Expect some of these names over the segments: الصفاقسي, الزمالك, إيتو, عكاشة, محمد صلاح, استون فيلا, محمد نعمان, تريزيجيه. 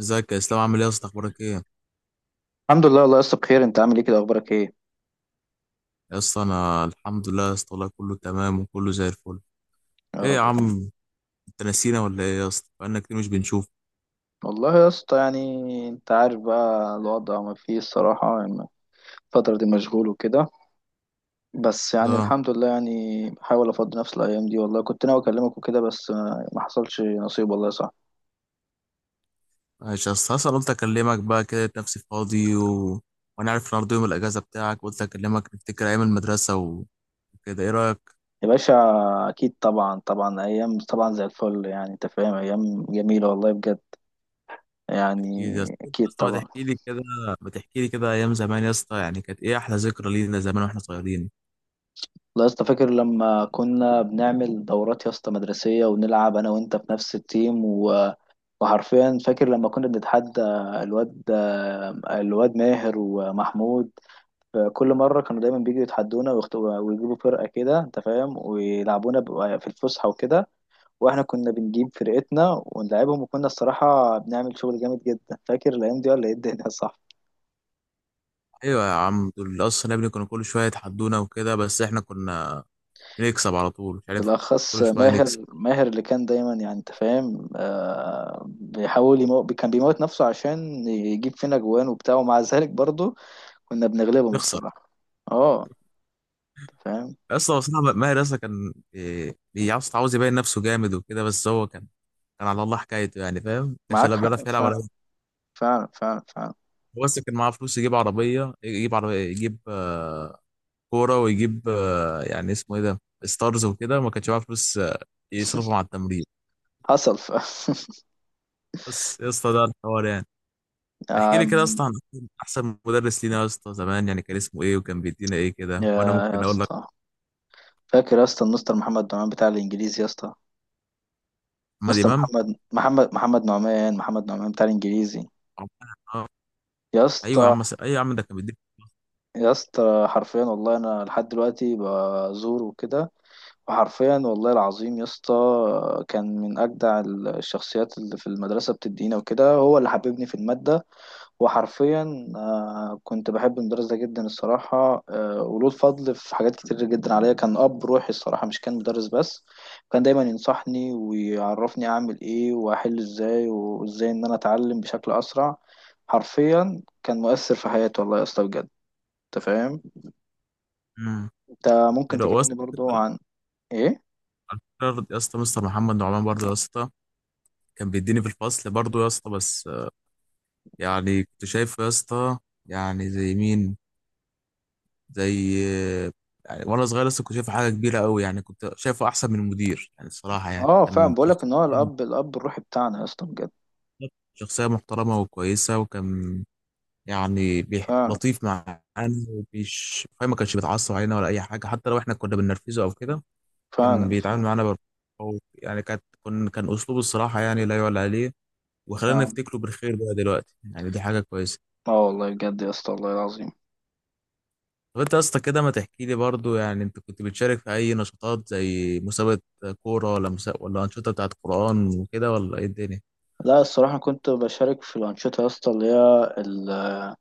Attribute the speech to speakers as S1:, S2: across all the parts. S1: ازيك يا اسلام؟ عامل ايه يا اسطى؟ اخبارك ايه؟
S2: الحمد لله والله يا اسطى بخير. انت عامل ايه كده، اخبارك ايه؟
S1: يا اسطى انا الحمد لله يا اسطى، والله كله تمام وكله زي الفل.
S2: يا
S1: ايه يا
S2: رب دايما.
S1: عم؟ انت نسينا ولا ايه يا اسطى؟ بقالنا كتير مش بنشوف.
S2: والله يا اسطى يعني انت عارف بقى الوضع ما فيه الصراحة يعني، الفترة دي مشغول وكده، بس يعني
S1: اه،
S2: الحمد لله يعني بحاول افضي نفسي الايام دي. والله كنت ناوي اكلمك وكده بس ما حصلش نصيب، والله صح.
S1: ماشي يا اسطى. اصلا قلت اكلمك بقى كده، لقيت نفسي فاضي وانا عارف النهارده يوم الاجازه بتاعك، قلت اكلمك نفتكر ايام المدرسه وكده. ايه رايك؟
S2: يا باشا اكيد طبعا، طبعا ايام، طبعا زي الفل يعني انت فاهم، ايام جميلة والله بجد،
S1: اكيد
S2: يعني
S1: يا اسطى. انت يا
S2: اكيد
S1: اسطى ما
S2: طبعا.
S1: تحكي لي كده، ما تحكي لي كده ايام زمان يا اسطى. يعني كانت ايه احلى ذكرى لينا زمان واحنا صغيرين؟
S2: والله يا اسطى فاكر لما كنا بنعمل دورات يا اسطى مدرسية ونلعب انا وانت في نفس التيم وحرفيا فاكر لما كنا بنتحدى الواد الواد ماهر ومحمود. كل مرة كانوا دايما بيجوا يتحدونا ويجيبوا فرقة كده انت فاهم، ويلعبونا في الفسحة وكده، واحنا كنا بنجيب فرقتنا ونلعبهم، وكنا الصراحة بنعمل شغل جامد جدا. فاكر الأيام دي ولا ايه الدنيا؟ صح.
S1: ايوه يا عم، دول اصلا يا ابني كانوا كل شويه يتحدونا وكده، بس احنا كنا نكسب على طول. مش عارف،
S2: بالأخص
S1: كل شويه نكسب.
S2: ماهر، ماهر اللي كان دايما يعني انت فاهم، بيحاول كان بيموت نفسه عشان يجيب فينا جوان وبتاع، ومع ذلك برضه كنا بنغلبهم
S1: يخسر.
S2: الصراحة. اه فاهم.
S1: اصلا بصراحه ماهر اصلا كان إيه، عاوز يبين نفسه جامد وكده، بس هو كان على الله حكايته، يعني فاهم، ما كانش
S2: معاك
S1: لا
S2: حق
S1: بيعرف يلعب ولا أي
S2: فعلا،
S1: حاجة.
S2: فعلا فعلا فعلا.
S1: هو بس كان معاه فلوس يجيب عربيه، يجيب كوره، ويجيب يعني اسمه ايه ده ستارز وكده، ما كانش معاه فلوس يصرفهم على التمرين.
S2: حصل ف...
S1: بس يا اسطى ده الحوار يعني. احكي لي كده يا
S2: أم،
S1: اسطى عن احسن مدرس لينا يا اسطى زمان، يعني كان اسمه ايه وكان بيدينا ايه
S2: يا
S1: كده، وانا
S2: يا
S1: ممكن اقول لك
S2: اسطى فاكر يا اسطى المستر محمد نعمان بتاع الانجليزي يا اسطى، مستر
S1: محمد
S2: محمد نعمان، محمد نعمان بتاع الانجليزي
S1: امام.
S2: يا اسطى.
S1: ايوه يا عم ده كان بيديني.
S2: يا اسطى حرفيا والله انا لحد دلوقتي بزوره وكده، وحرفيا والله العظيم يا اسطى كان من اجدع الشخصيات اللي في المدرسه، بتدينا وكده، هو اللي حببني في الماده. وحرفيا كنت بحب المدرس ده جدا الصراحة، وله الفضل في حاجات كتير جدا عليا. كان أب روحي الصراحة، مش كان مدرس بس. كان دايما ينصحني ويعرفني أعمل إيه وأحل إزاي، وإزاي إن أنا أتعلم بشكل أسرع. حرفيا كان مؤثر في حياتي والله يا اسطى بجد. أنت فاهم.
S1: امم
S2: أنت ممكن
S1: حلو هو يا اسطى.
S2: تكلمني برضو عن إيه؟
S1: على فكرة يا اسطى، مستر محمد نعمان برضه يا اسطى كان بيديني في الفصل برضه يا اسطى، بس يعني كنت شايفه يا اسطى، يعني زي مين؟ زي آه، يعني وانا صغير لسه كنت شايفه حاجه كبيره قوي، يعني كنت شايفه احسن من المدير يعني الصراحه، يعني
S2: فعلا
S1: كان
S2: بقولك
S1: شخص،
S2: إن هو الأب، الأب الروحي بتاعنا يا اسطى بجد.
S1: شخصيه محترمه وكويسه، وكان يعني
S2: فعلا
S1: لطيف معانا. ومش فاهم، ما كانش بيتعصب علينا ولا اي حاجه، حتى لو احنا كنا بننرفزه او كده. كان
S2: فعلا
S1: بيتعامل
S2: فعلا
S1: معانا هو يعني كان اسلوبه الصراحه يعني لا يعلى عليه. وخلينا
S2: فعلا.
S1: نفتكره بالخير بقى دلوقتي، يعني دي حاجه كويسه.
S2: آه والله بجد يا اسطى، والله العظيم.
S1: طب انت يا اسطى كده ما تحكي لي برضو، يعني انت كنت بتشارك في اي نشاطات؟ زي مسابقه كوره ولا ولا انشطه بتاعت قران وكده، ولا ايه الدنيا؟
S2: لا الصراحة كنت بشارك في الأنشطة يا اسطى اللي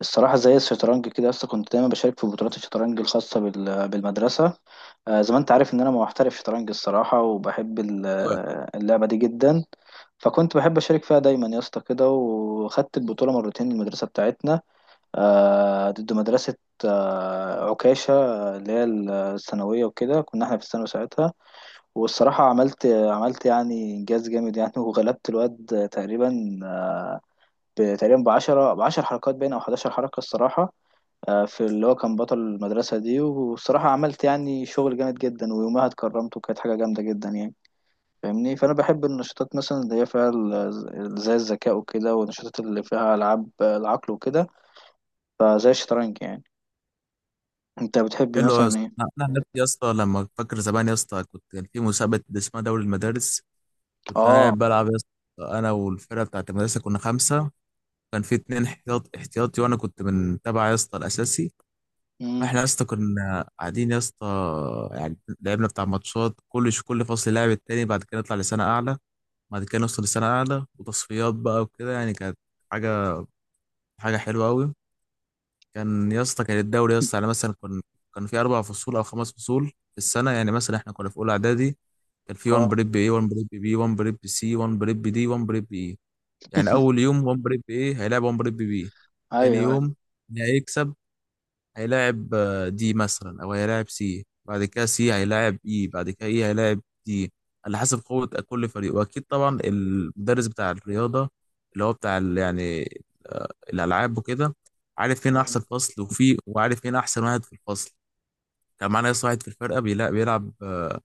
S2: الصراحة زي الشطرنج كده يا اسطى. كنت دايما بشارك في بطولات الشطرنج الخاصة بالمدرسة. زي ما أنت عارف إن أنا محترف شطرنج الصراحة، وبحب
S1: أيوة.
S2: اللعبة دي جدا. فكنت بحب أشارك فيها دايما يا اسطى كده، وخدت البطولة مرتين المدرسة بتاعتنا، ضد مدرسة عكاشة، اللي هي الثانوية وكده، كنا احنا في الثانوي ساعتها. والصراحة عملت يعني إنجاز جامد يعني، وغلبت الواد تقريبا تقريبا بعشرة، بعشر حركات باين أو حداشر حركة الصراحة، في اللي هو كان بطل المدرسة دي. والصراحة عملت يعني شغل جامد جدا، ويومها اتكرمت وكانت حاجة جامدة جدا يعني. فاهمني؟ فأنا بحب النشاطات مثلا اللي هي فيها زي الذكاء وكده، والنشاطات اللي فيها ألعاب العقل وكده، فزي الشطرنج يعني. أنت بتحب
S1: حلو يا
S2: مثلا
S1: اسطى.
S2: إيه؟
S1: انا عن نفسي يا اسطى، لما فاكر زمان يا اسطى، كان في مسابقه اسمها دوري المدارس. كنت انا
S2: آه.
S1: قاعد بلعب يا اسطى، انا والفرقه بتاعت المدرسه كنا خمسه. كان في اتنين احتياطي، وانا كنت من تبع يا اسطى الاساسي.
S2: مم.
S1: احنا يا اسطى كنا قاعدين يا اسطى. يعني لعبنا بتاع ماتشات كل فصل لاعب التاني، بعد كده نطلع لسنة أعلى، بعد كده نوصل لسنة أعلى وتصفيات بقى وكده. يعني كانت حاجة حاجة حلوة أوي. كان يا اسطى كان الدوري يا اسطى، يعني مثلا كان كان في أربع فصول أو خمس فصول في السنة. يعني مثلا احنا كنا في أولى إعدادي، كان في 1
S2: اه.
S1: بريب A، 1 بريب B، 1 بريب C، 1 بريب D، 1 بريب E. يعني أول يوم 1 بريب A هيلعب 1 بريب B، تاني
S2: ايوه ايوه.
S1: يوم اللي هيكسب هيلاعب دي مثلا، او هيلاعب سي، بعد كده سي هيلاعب اي، بعد كده اي هيلاعب دي، على حسب قوة كل فريق. واكيد طبعا المدرس بتاع الرياضة اللي هو بتاع يعني آه، الالعاب وكده عارف فين
S2: مم.
S1: احسن فصل، وفي وعارف فين احسن واحد في الفصل. كان معانا يس واحد في الفرقة بيلعب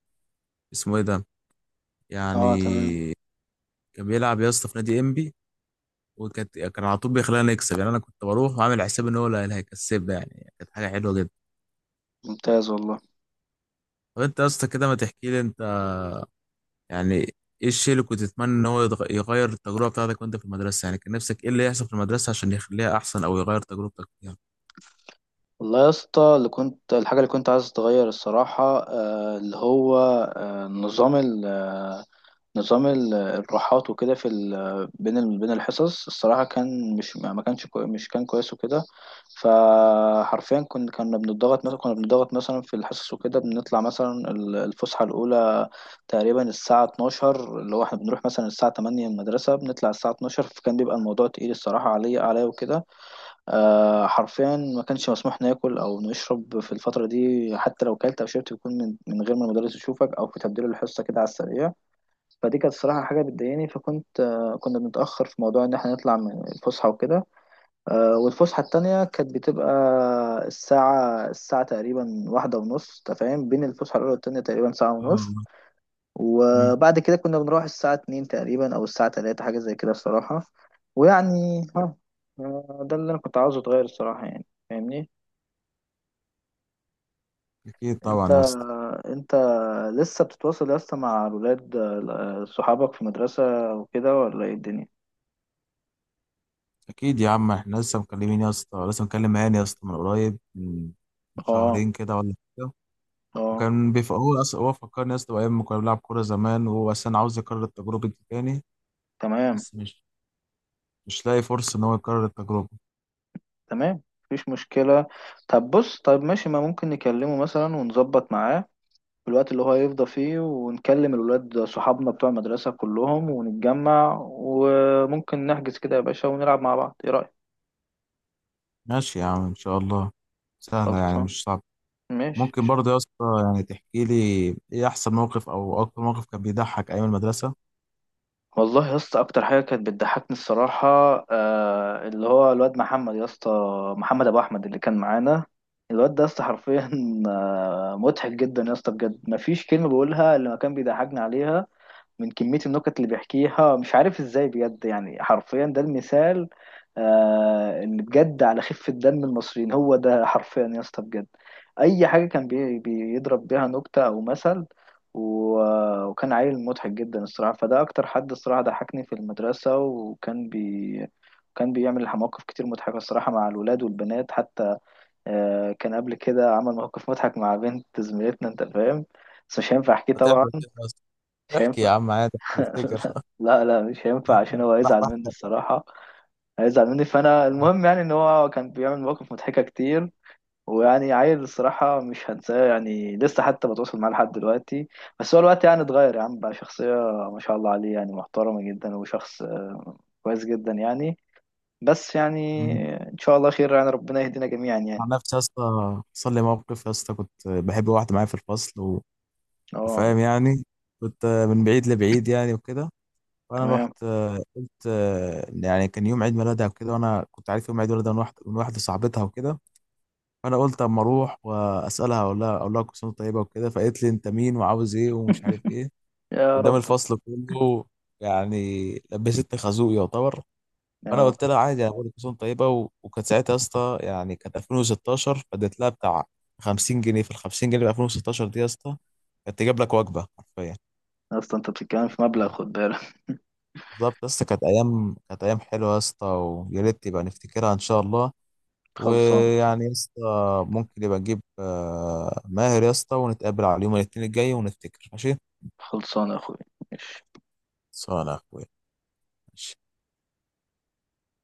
S1: اسمه ايه ده يعني،
S2: اه تمام.
S1: كان بيلعب يا اسطى في نادي انبي، وكانت على طول بيخلينا نكسب. يعني انا كنت بروح وعامل حساب ان هو اللي هيكسبنا، يعني كانت حاجة حلوة جدا.
S2: ممتاز والله.
S1: طب انت يا اسطى كده ما تحكي لي انت، يعني ايه الشيء اللي كنت تتمنى ان هو يغير التجربه بتاعتك وانت في المدرسه؟ يعني كان نفسك ايه اللي يحصل في المدرسه عشان يخليها احسن او يغير تجربتك فيها؟
S2: والله يا اسطى اللي كنت، الحاجة اللي كنت عايز اتغير الصراحة اللي هو نظام ال آه، نظام الراحات وكده في بين بين الحصص الصراحة. كان مش ما كانش كوي، مش كان كويس وكده. فحرفيا كنا بنضغط مثلا، كنا بنضغط مثلا في الحصص وكده، بنطلع مثلا الفسحة الأولى تقريبا الساعة 12، اللي هو احنا بنروح مثلا الساعة 8 المدرسة، بنطلع الساعة 12. فكان بيبقى الموضوع تقيل الصراحة، عليا وكده. آه حرفيا ما كانش مسموح ناكل او نشرب في الفتره دي. حتى لو كلت او شربت بيكون من غير ما المدرس يشوفك، او في تبديل الحصه كده على السريع. فدي كانت الصراحه حاجه بتضايقني، فكنت آه كنا بنتاخر في موضوع ان احنا نطلع من الفسحه وكده. آه والفسحه التانية كانت بتبقى الساعه تقريبا واحدة ونص. أنت فاهم، بين الفسحه الاولى والتانية تقريبا ساعه ونص.
S1: طبعا. مم.
S2: وبعد كده كنا بنروح الساعة اتنين تقريبا أو الساعة تلاتة، حاجة زي كده الصراحة. ويعني ها ده اللي أنا كنت عاوزه أتغير الصراحة يعني. فاهمني؟
S1: اكيد
S2: أنت
S1: طبعا يا اسطى.
S2: أنت لسه بتتواصل يا اسطى مع الولاد، صحابك في المدرسة وكده، ولا إيه الدنيا؟
S1: اكيد يا عم، احنا لسه مكلمين يا اسطى. لسه مكلم هاني يا اسطى من قريب، من
S2: اه
S1: شهرين كده ولا كده.
S2: اه.
S1: وكان هو فكرني يا اسطى بايام ما كنا بنلعب كوره زمان، وهو اصلا عاوز يكرر التجربه دي تاني.
S2: تمام
S1: بس مش لاقي فرصه ان هو يكرر التجربه.
S2: تمام، مفيش مشكلة. طب بص، طب ماشي، ما ممكن نكلمه مثلا ونظبط معاه في الوقت اللي هو يفضى فيه، ونكلم الولاد صحابنا بتوع المدرسة كلهم ونتجمع، وممكن نحجز كده يا باشا ونلعب مع بعض، ايه رأيك؟
S1: ماشي يا عم ان شاء الله، سهله يعني
S2: خلصان.
S1: مش صعبه.
S2: ماشي.
S1: ممكن برضه يا اسطى يعني تحكي لي ايه احسن موقف او اكتر موقف كان بيضحك ايام المدرسه؟
S2: والله يا اسطى اكتر حاجه كانت بتضحكني الصراحه، آه اللي هو الواد محمد يا اسطى، محمد ابو احمد اللي كان معانا. الواد ده يا اسطى حرفيا آه مضحك جدا يا اسطى بجد. مفيش كلمه بقولها اللي ما كان بيضحكني عليها، من كمية النكت اللي بيحكيها مش عارف ازاي بجد يعني. حرفيا ده المثال آه اللي بجد على خفة دم المصريين، هو ده حرفيا يا اسطى بجد. أي حاجة كان بيضرب بيها نكتة أو مثل، وكان عيل مضحك جدا الصراحة. فده أكتر حد الصراحة ضحكني في المدرسة، وكان كان بيعمل مواقف كتير مضحكة الصراحة مع الولاد والبنات حتى. آه كان قبل كده عمل موقف مضحك مع بنت زميلتنا أنت فاهم، بس مش هينفع أحكيه طبعا.
S1: هتحكي كده يا اسطى؟
S2: مش
S1: احكي يا
S2: هينفع.
S1: عم عادي بفتكر
S2: لا لا مش هينفع عشان هو هيزعل مني
S1: بحكي.
S2: الصراحة. هيزعل مني، فأنا المهم يعني إن هو كان بيعمل مواقف مضحكة كتير. ويعني عيل الصراحة مش هنساه يعني، لسه حتى بتواصل معاه لحد دلوقتي. بس هو الوقت يعني اتغير يا عم، بقى شخصية ما شاء الله عليه يعني محترمة جدا، وشخص كويس جدا يعني. بس يعني
S1: مم.
S2: إن شاء الله خير يعني، ربنا يهدينا جميعا
S1: عن
S2: يعني.
S1: نفسي يا اسطى حصل لي موقف يا اسطى، كنت بحب واحده معايا في الفصل
S2: اه
S1: وفاهم يعني، كنت من بعيد لبعيد يعني وكده. فانا
S2: تمام.
S1: رحت قلت يعني كان يوم عيد ميلادها وكده، وانا كنت عارف يوم عيد ميلادها من واحده صاحبتها وكده. فانا قلت اما اروح واسالها، اقول لها كل سنه وأنت طيبه وكده. فقالت لي انت مين وعاوز ايه ومش عارف ايه،
S2: يا
S1: قدام
S2: رب.
S1: الفصل كله يعني. لبستني خازوق يعتبر.
S2: يا
S1: فانا
S2: رب.
S1: قلت لها عادي، انا بقول لك كسوم طيبه وكانت ساعتها يا اسطى، يعني كانت 2016. فاديت لها بتاع 50 جنيه. في ال 50 جنيه في 2016 دي يا اسطى كانت تجيب لك وجبه حرفيا.
S2: أصلا أنت بتتكلم في مبلغ، خد بالك.
S1: بالظبط يا اسطى. كانت ايام حلوه يا اسطى، ويا ريت يبقى نفتكرها ان شاء الله.
S2: خلصانة.
S1: ويعني يا اسطى ممكن يبقى نجيب ماهر يا اسطى، ونتقابل على يوم الاثنين الجاي ونفتكر ماشي؟
S2: خلصانة يا أخوي. ماشي.
S1: صانع يا اخويا، ماشي